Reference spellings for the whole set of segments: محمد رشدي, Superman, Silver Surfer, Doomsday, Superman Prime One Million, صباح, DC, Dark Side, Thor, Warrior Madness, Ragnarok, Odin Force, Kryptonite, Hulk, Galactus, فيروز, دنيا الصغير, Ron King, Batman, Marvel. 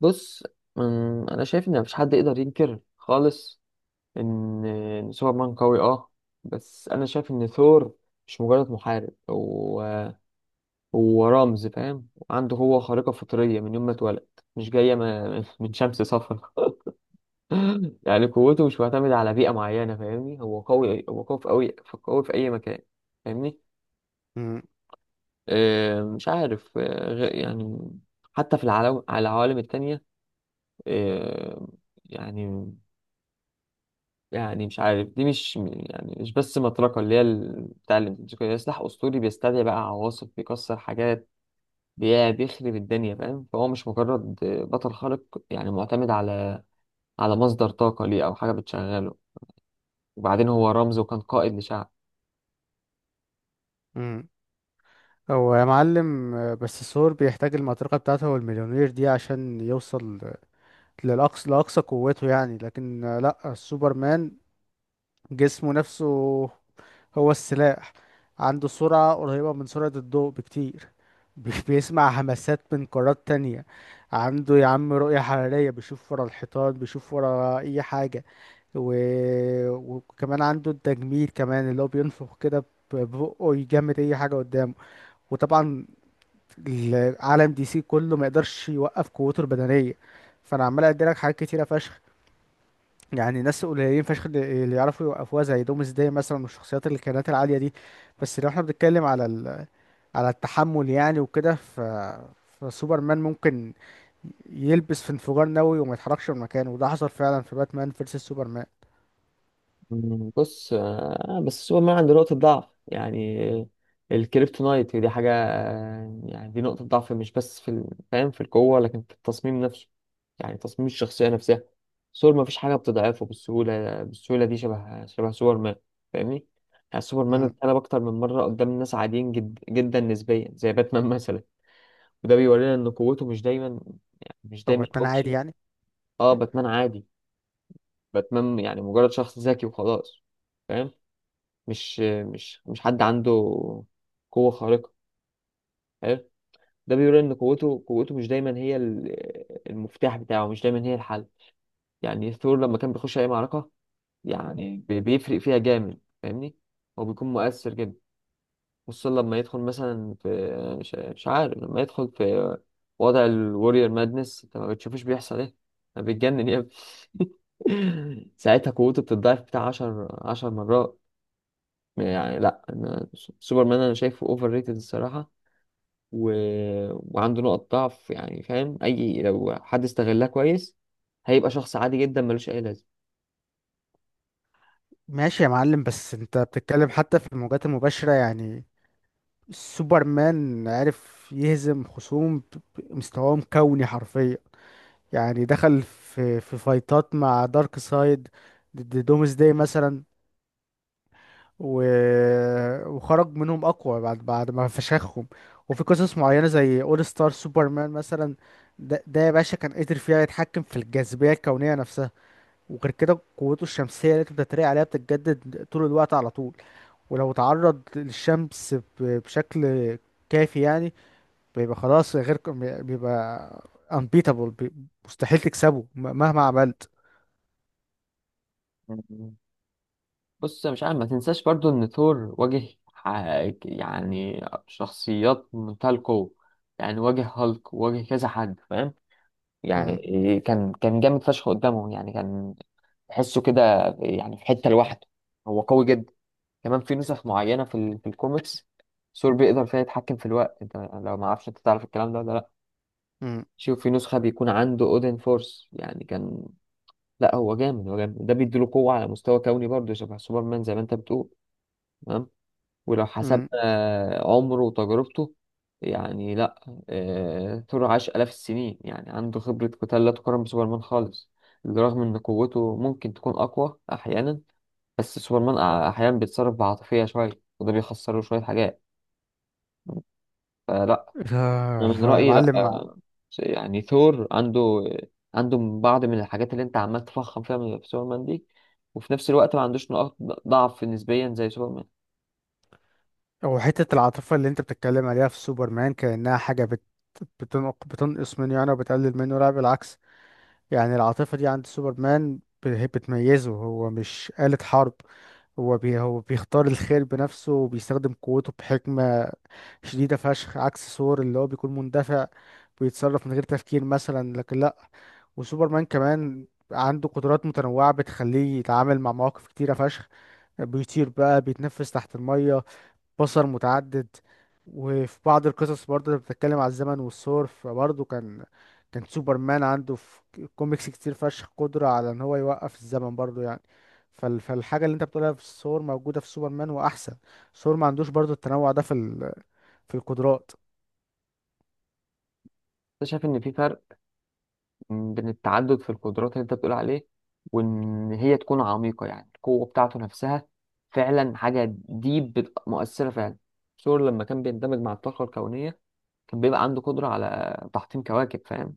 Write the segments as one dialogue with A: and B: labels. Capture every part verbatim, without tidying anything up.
A: بص. أم، انا شايف ان مفيش حد يقدر ينكر خالص ان إن سوبرمان قوي، اه. بس انا شايف ان ثور مش مجرد محارب، هو هو رمز، فاهم؟ عنده هو خارقة فطرية من يوم ما اتولد. مش جاية من من شمس صفرا. يعني قوته مش معتمدة على بيئة معينة، فاهمني؟ هو قوي، هو قوي في أوي، قوي في أي مكان، فاهمني؟
B: مم.
A: أه، مش عارف، أه، غ- يعني حتى في العالم على العوالم التانية. أه، يعني يعني مش عارف، دي مش يعني مش بس مطرقة، اللي هي ال- بتاع الامتزاج، سلاح أسطوري بيستدعي بقى عواصف، بيكسر حاجات، بي- بيخرب الدنيا، فاهم؟ فهو مش مجرد بطل خارق، يعني معتمد على على مصدر طاقة ليه أو حاجة بتشغله. وبعدين هو رمز وكان قائد لشعب.
B: مم. هو يا معلم آه، بس الثور بيحتاج المطرقة بتاعته والمليونير دي عشان يوصل للأقصى لأقصى قوته. يعني لكن آه، لأ، السوبرمان جسمه نفسه هو السلاح. عنده سرعة قريبة من سرعة الضوء بكتير، بي- بيسمع همسات من قارات تانية. عنده يا عم رؤية حرارية، بيشوف ورا الحيطان، بيشوف ورا أي حاجة. و... وكمان عنده التجميد كمان، اللي هو بينفخ كده ب- ببقه يجمد أي حاجة قدامه. وطبعا العالم دي سي كله ما يقدرش يوقف قوته البدنيه. فانا عمال ادي لك حاجات كتيره فشخ. يعني ناس قليلين فشخ اللي اللي يعرفوا يوقفوها، زي دومز داي مثلا، والشخصيات اللي كانت العاليه دي. بس لو احنا بنتكلم على ال... على التحمل يعني وكده، ف فسوبرمان ممكن يلبس في انفجار نووي وما يتحركش من مكانه، وده حصل فعلا في باتمان فيرسس سوبرمان.
A: مم. بص، آه، بس سوبرمان عنده نقطة ضعف يعني. الكريبتونايت دي حاجة، آه، يعني دي نقطة ضعف مش بس في ال- فاهم، في القوة، لكن في التصميم نفسه. يعني تصميم الشخصية نفسها. سور ما فيش حاجة بتضعفه بالسهولة بالسهولة دي شبه شبه سوبرمان، فاهمني؟ يعني سوبرمان
B: امم
A: اتقلب أكتر من مرة قدام ناس عاديين جد جدا نسبيا، زي باتمان مثلا. وده بيورينا إن قوته مش دايما، يعني مش
B: هو
A: دايما
B: باتمان عادي
A: أوبشن.
B: يعني؟
A: اه، باتمان عادي. باتمان يعني مجرد شخص ذكي وخلاص، فاهم؟ مش مش مش حد عنده قوة خارقة. حلو. ده بيقول ان قوته قوته مش دايما هي ال- المفتاح بتاعه، مش دايما هي الحل. يعني ثور لما كان بيخش اي معركة، يعني بي- بيفرق فيها جامد، فاهمني؟ هو بيكون مؤثر جدا، خصوصا لما يدخل مثلا في، مش مش عارف، لما يدخل في وضع الوريور مادنس، انت ما بتشوفوش بيحصل ايه. انا بيتجنن يا ابني. ساعتها قوته بتتضاعف بتاع 10 10 مرات. يعني لا، انا سوبرمان انا شايفه اوفر ريتد الصراحة. و... وعنده نقط ضعف، يعني فاهم، اي لو حد استغلها كويس هيبقى شخص عادي جدا ملوش اي لازمه.
B: ماشي يا معلم، بس انت بتتكلم حتى في الموجات المباشرة يعني. سوبرمان عرف يهزم خصوم ب- ب- مستواهم كوني حرفيا. يعني دخل في في فايتات مع دارك سايد، ضد دومز داي مثلا، و... وخرج منهم اقوى بعد بعد ما فشخهم. وفي قصص معينه زي اول ستار سوبرمان مثلا، ده, ده يا باشا كان قدر فيها يتحكم في الجاذبيه الكونيه نفسها. وغير كده قوته الشمسيه اللي انت بتتريق عليها بتتجدد طول الوقت على طول. ولو تعرض للشمس ب- بشكل كافي يعني، بيبقى خلاص غير ك- بيبقى unbeatable، بي- مستحيل تكسبه، م- مهما عملت.
A: مم. بص، مش عارف، ما تنساش برضو ان ثور واجه، ح- يعني شخصيات منتهى القوة. يعني واجه هالك، واجه كذا حد، فاهم؟ يعني
B: مم.
A: كان كان جامد فشخ قدامه، يعني كان تحسه كده. يعني في حتة لوحده هو قوي جدا. كمان في نسخ معينة في, ال... في الكوميكس، ثور بيقدر فيها يتحكم في الوقت. انت لو ما عرفش، انت تعرف الكلام ده ولا لا؟
B: مم.
A: شوف، في نسخة بيكون عنده اودن فورس، يعني كان. لا، هو جامد، هو جامد، ده بيديله قوة على مستوى كوني، برضه شبه سوبرمان زي ما انت بتقول. تمام. ولو
B: مم.
A: حسبنا آه، عمره وتجربته، يعني لا، آه، ثور عاش آلاف السنين، يعني عنده خبرة قتال لا تقارن بسوبرمان خالص. بالرغم ان قوته ممكن تكون اقوى احيانا، بس سوبرمان أح- احيانا بيتصرف بعاطفية شوية. وده بيخسره شوية حاجات. فلا،
B: آه،
A: أنا من
B: هو يا
A: رأيي
B: معلم،
A: لا. يعني ثور عنده عنده بعض من الحاجات اللي انت عمال تفخم فيها من في سوبرمان دي. وفي نفس الوقت ما عندوش نقاط ضعف نسبيا زي سوبرمان.
B: هو حتة العاطفة اللي انت بتتكلم عليها في سوبرمان كأنها حاجة بت... بتنق... بتنقص منه يعني وبتقلل منه، لا بالعكس. يعني العاطفة دي عند سوبرمان ب- هي بتميزه، هو مش آلة حرب. هو بي... هو بيختار الخير بنفسه وبيستخدم قوته بحكمة شديدة فشخ، عكس ثور اللي هو بيكون مندفع، بيتصرف من غير تفكير مثلا. لكن لأ، وسوبرمان كمان عنده قدرات متنوعة بتخليه يتعامل مع مواقف كتيرة فشخ، بيطير بقى، بيتنفس تحت المية، بصر متعدد. وفي بعض القصص برضه بتتكلم على الزمن والثور، فبرضه كان كان سوبرمان عنده في كوميكس كتير فشخ قدرة على ان هو يوقف الزمن برضه يعني. فال... فالحاجة اللي انت بتقولها في الثور موجودة في سوبرمان وأحسن. ثور ما عندوش برضه التنوع ده في في القدرات.
A: انت شايف ان في فرق بين التعدد في القدرات اللي انت بتقول عليه، وان هي تكون عميقة، يعني القوة بتاعته نفسها؟ فعلا حاجة دي مؤثرة فعلا. ثور لما كان بيندمج مع الطاقة الكونية كان بيبقى عنده قدرة على تحطيم كواكب، فاهم؟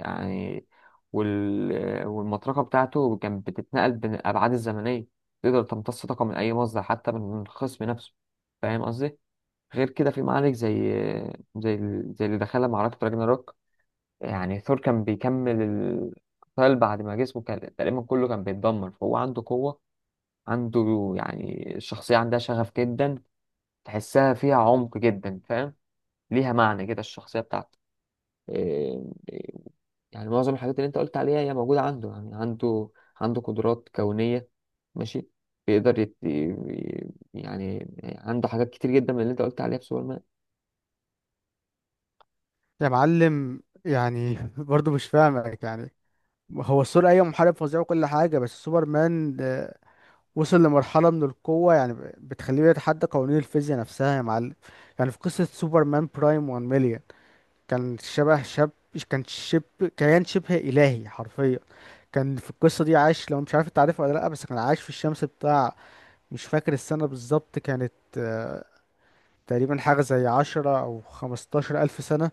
A: يعني وال... والمطرقة بتاعته كانت بتتنقل بين الأبعاد الزمنية، تقدر تمتص طاقة من أي مصدر حتى من الخصم نفسه. فاهم قصدي؟ غير كده في معارك، زي زي ال- زي اللي دخلها، معركة راجناروك. يعني ثور كان بيكمل القتال بعد ما جسمه كان تقريبا كله كان بيتدمر، فهو عنده قوة. عنده يعني، الشخصية عندها شغف جدا، تحسها فيها عمق جدا، فاهم؟ ليها معنى كده الشخصية بتاعته، إيه، يعني معظم الحاجات اللي انت قلت عليها هي موجودة عنده، يعني عنده عنده قدرات كونية. ماشي، بيقدر يت... يعني عنده حاجات كتير جدا من اللي انت قلت عليها في سوبرمان.
B: يا معلم يعني برضو مش فاهمك يعني. هو السور ايوه محارب فظيع وكل حاجه، بس سوبرمان آه، وصل لمرحله من القوه يعني بتخليه يتحدى قوانين الفيزياء نفسها يا معلم. يعني في قصه سوبرمان برايم 1 مليون، كان شبه شاب كان شب كيان شبه الهي حرفيا. كان في القصه دي عايش، لو مش عارف انت عارفها ولا لا، بس كان عايش في الشمس بتاع، مش فاكر السنه بالظبط كانت، آه، تقريبا حاجه زي عشرة او خمستاشر الف سنه.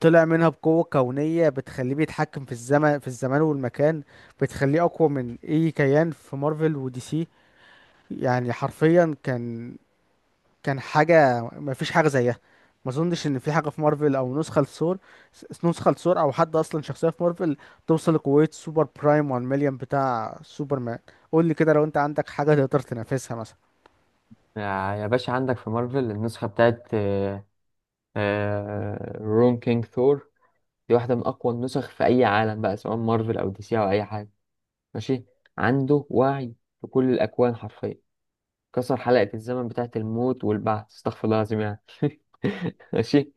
B: طلع منها بقوة كونية بتخليه بيتحكم في الزمن في الزمان والمكان، بتخليه أقوى من أي كيان في مارفل ودي سي. يعني حرفيا كان كان حاجة ما فيش حاجة زيها. ما اظنش ان في حاجة في مارفل او نسخة لثور، س- نسخة لثور او حد اصلا شخصية في مارفل توصل لقوة سوبر برايم 1 مليون بتاع سوبرمان. قول لي كده لو انت عندك حاجة تقدر تنافسها مثلا.
A: يا يا باشا، عندك في مارفل النسخة بتاعت آه، آه، رون كينج ثور. دي واحدة من أقوى النسخ في أي عالم بقى، سواء مارفل أو دي سي أو أي حاجة، ماشي. عنده وعي في كل الأكوان حرفيا. كسر حلقة الزمن بتاعة الموت والبعث، استغفر الله العظيم، يعني. ماشي،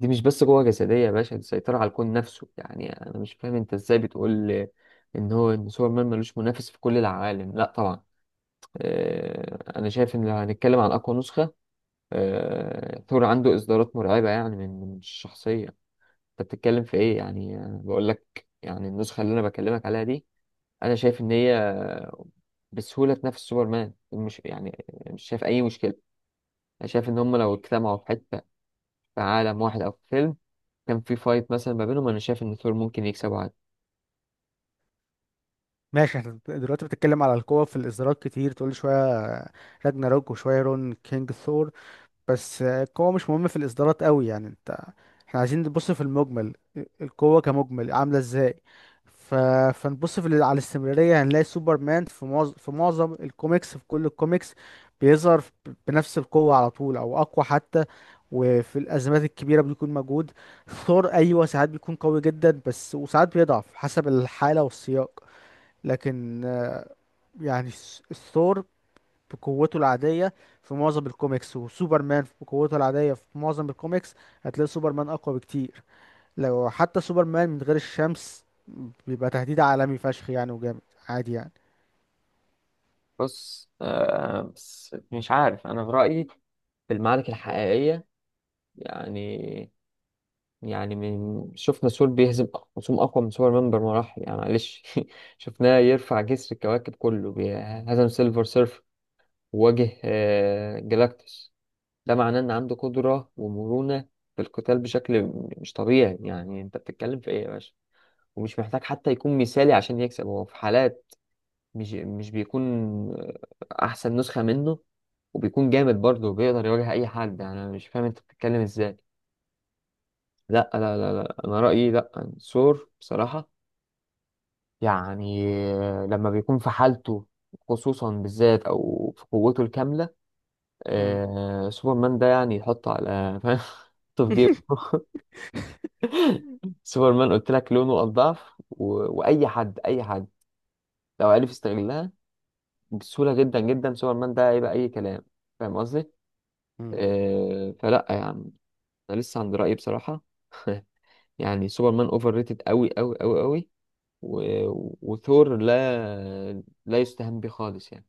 A: دي مش بس قوة جسدية يا باشا، دي سيطرة على الكون نفسه. يعني أنا مش فاهم أنت إزاي بتقول إن هو إن سوبرمان ملوش منافس في كل العوالم. لا طبعا. آه، أنا شايف إن لو هنتكلم عن أقوى نسخة، آه، ثور عنده إصدارات مرعبة يعني من من الشخصية. أنت بتتكلم في إيه؟ يعني أنا بقول لك، يعني النسخة اللي أنا بكلمك عليها دي، أنا شايف إن هي بسهولة تنافس سوبرمان، مش يعني، مش شايف أي مشكلة. انا شايف ان هم لو اجتمعوا في حته، في عالم واحد او في فيلم، كان في فايت مثلا ما بينهم، انا شايف ان ثور ممكن يكسبه عادي.
B: ماشي، احنا دلوقتي بتتكلم على القوة في الإصدارات، كتير تقول لي شوية راجناروك وشوية رون كينج ثور. بس القوة مش مهمة في الإصدارات قوي يعني انت، احنا عايزين نبص في المجمل، القوة كمجمل عاملة ازاي. ف... فنبص في ال- على الاستمرارية. هنلاقي سوبرمان في معظم في معظم الكوميكس، في كل الكوميكس بيظهر ب- بنفس القوة على طول، أو أقوى حتى. وفي الأزمات الكبيرة بيكون موجود. ثور أيوة ساعات بيكون قوي جدا بس، وساعات بيضعف حسب الحالة والسياق. لكن آه، يعني الثور بقوته العادية في معظم الكوميكس، وسوبرمان بقوته العادية في معظم الكوميكس، هتلاقي سوبرمان أقوى بكتير. لو حتى سوبرمان من غير الشمس بيبقى تهديد عالمي فشخ يعني، وجامد عادي يعني.
A: بص، آه بس مش عارف، انا في رايي، في المعارك الحقيقيه، يعني يعني من شفنا ثور بيهزم أق- خصوم اقوى من سوبر مان بمراحل، يعني معلش. شفناه يرفع جسر الكواكب كله، بي- هزم سيلفر سيرف، وواجه آه جلاكتوس. ده معناه ان عنده قدره ومرونه في القتال بشكل م- مش طبيعي، يعني انت بتتكلم في ايه يا باشا؟ ومش محتاج حتى يكون مثالي عشان يكسب، هو في حالات مش مش بيكون احسن نسخة منه، وبيكون جامد برضه وبيقدر يواجه اي حد، يعني انا مش فاهم انت بتتكلم ازاي. لا، لا، لا، لا، انا رأيي لا، سور بصراحة، يعني لما بيكون في حالته، خصوصا بالذات او في قوته الكاملة،
B: مم.
A: آه سوبرمان ده يعني يحط على فاهم، يحطه في جيبه. سوبرمان قلت لك لونه الضعف، و... واي حد اي حد لو عرف يستغلها بسهولة جدا جدا، سوبرمان ده هيبقى أي كلام. فاهم قصدي؟
B: مم.
A: آه فلا يعني، أنا لسه عند رأيي بصراحة. يعني سوبرمان أوفر ريتد أوي أوي أوي أوي. و... وثور، لا لا يستهان بيه خالص، يعني.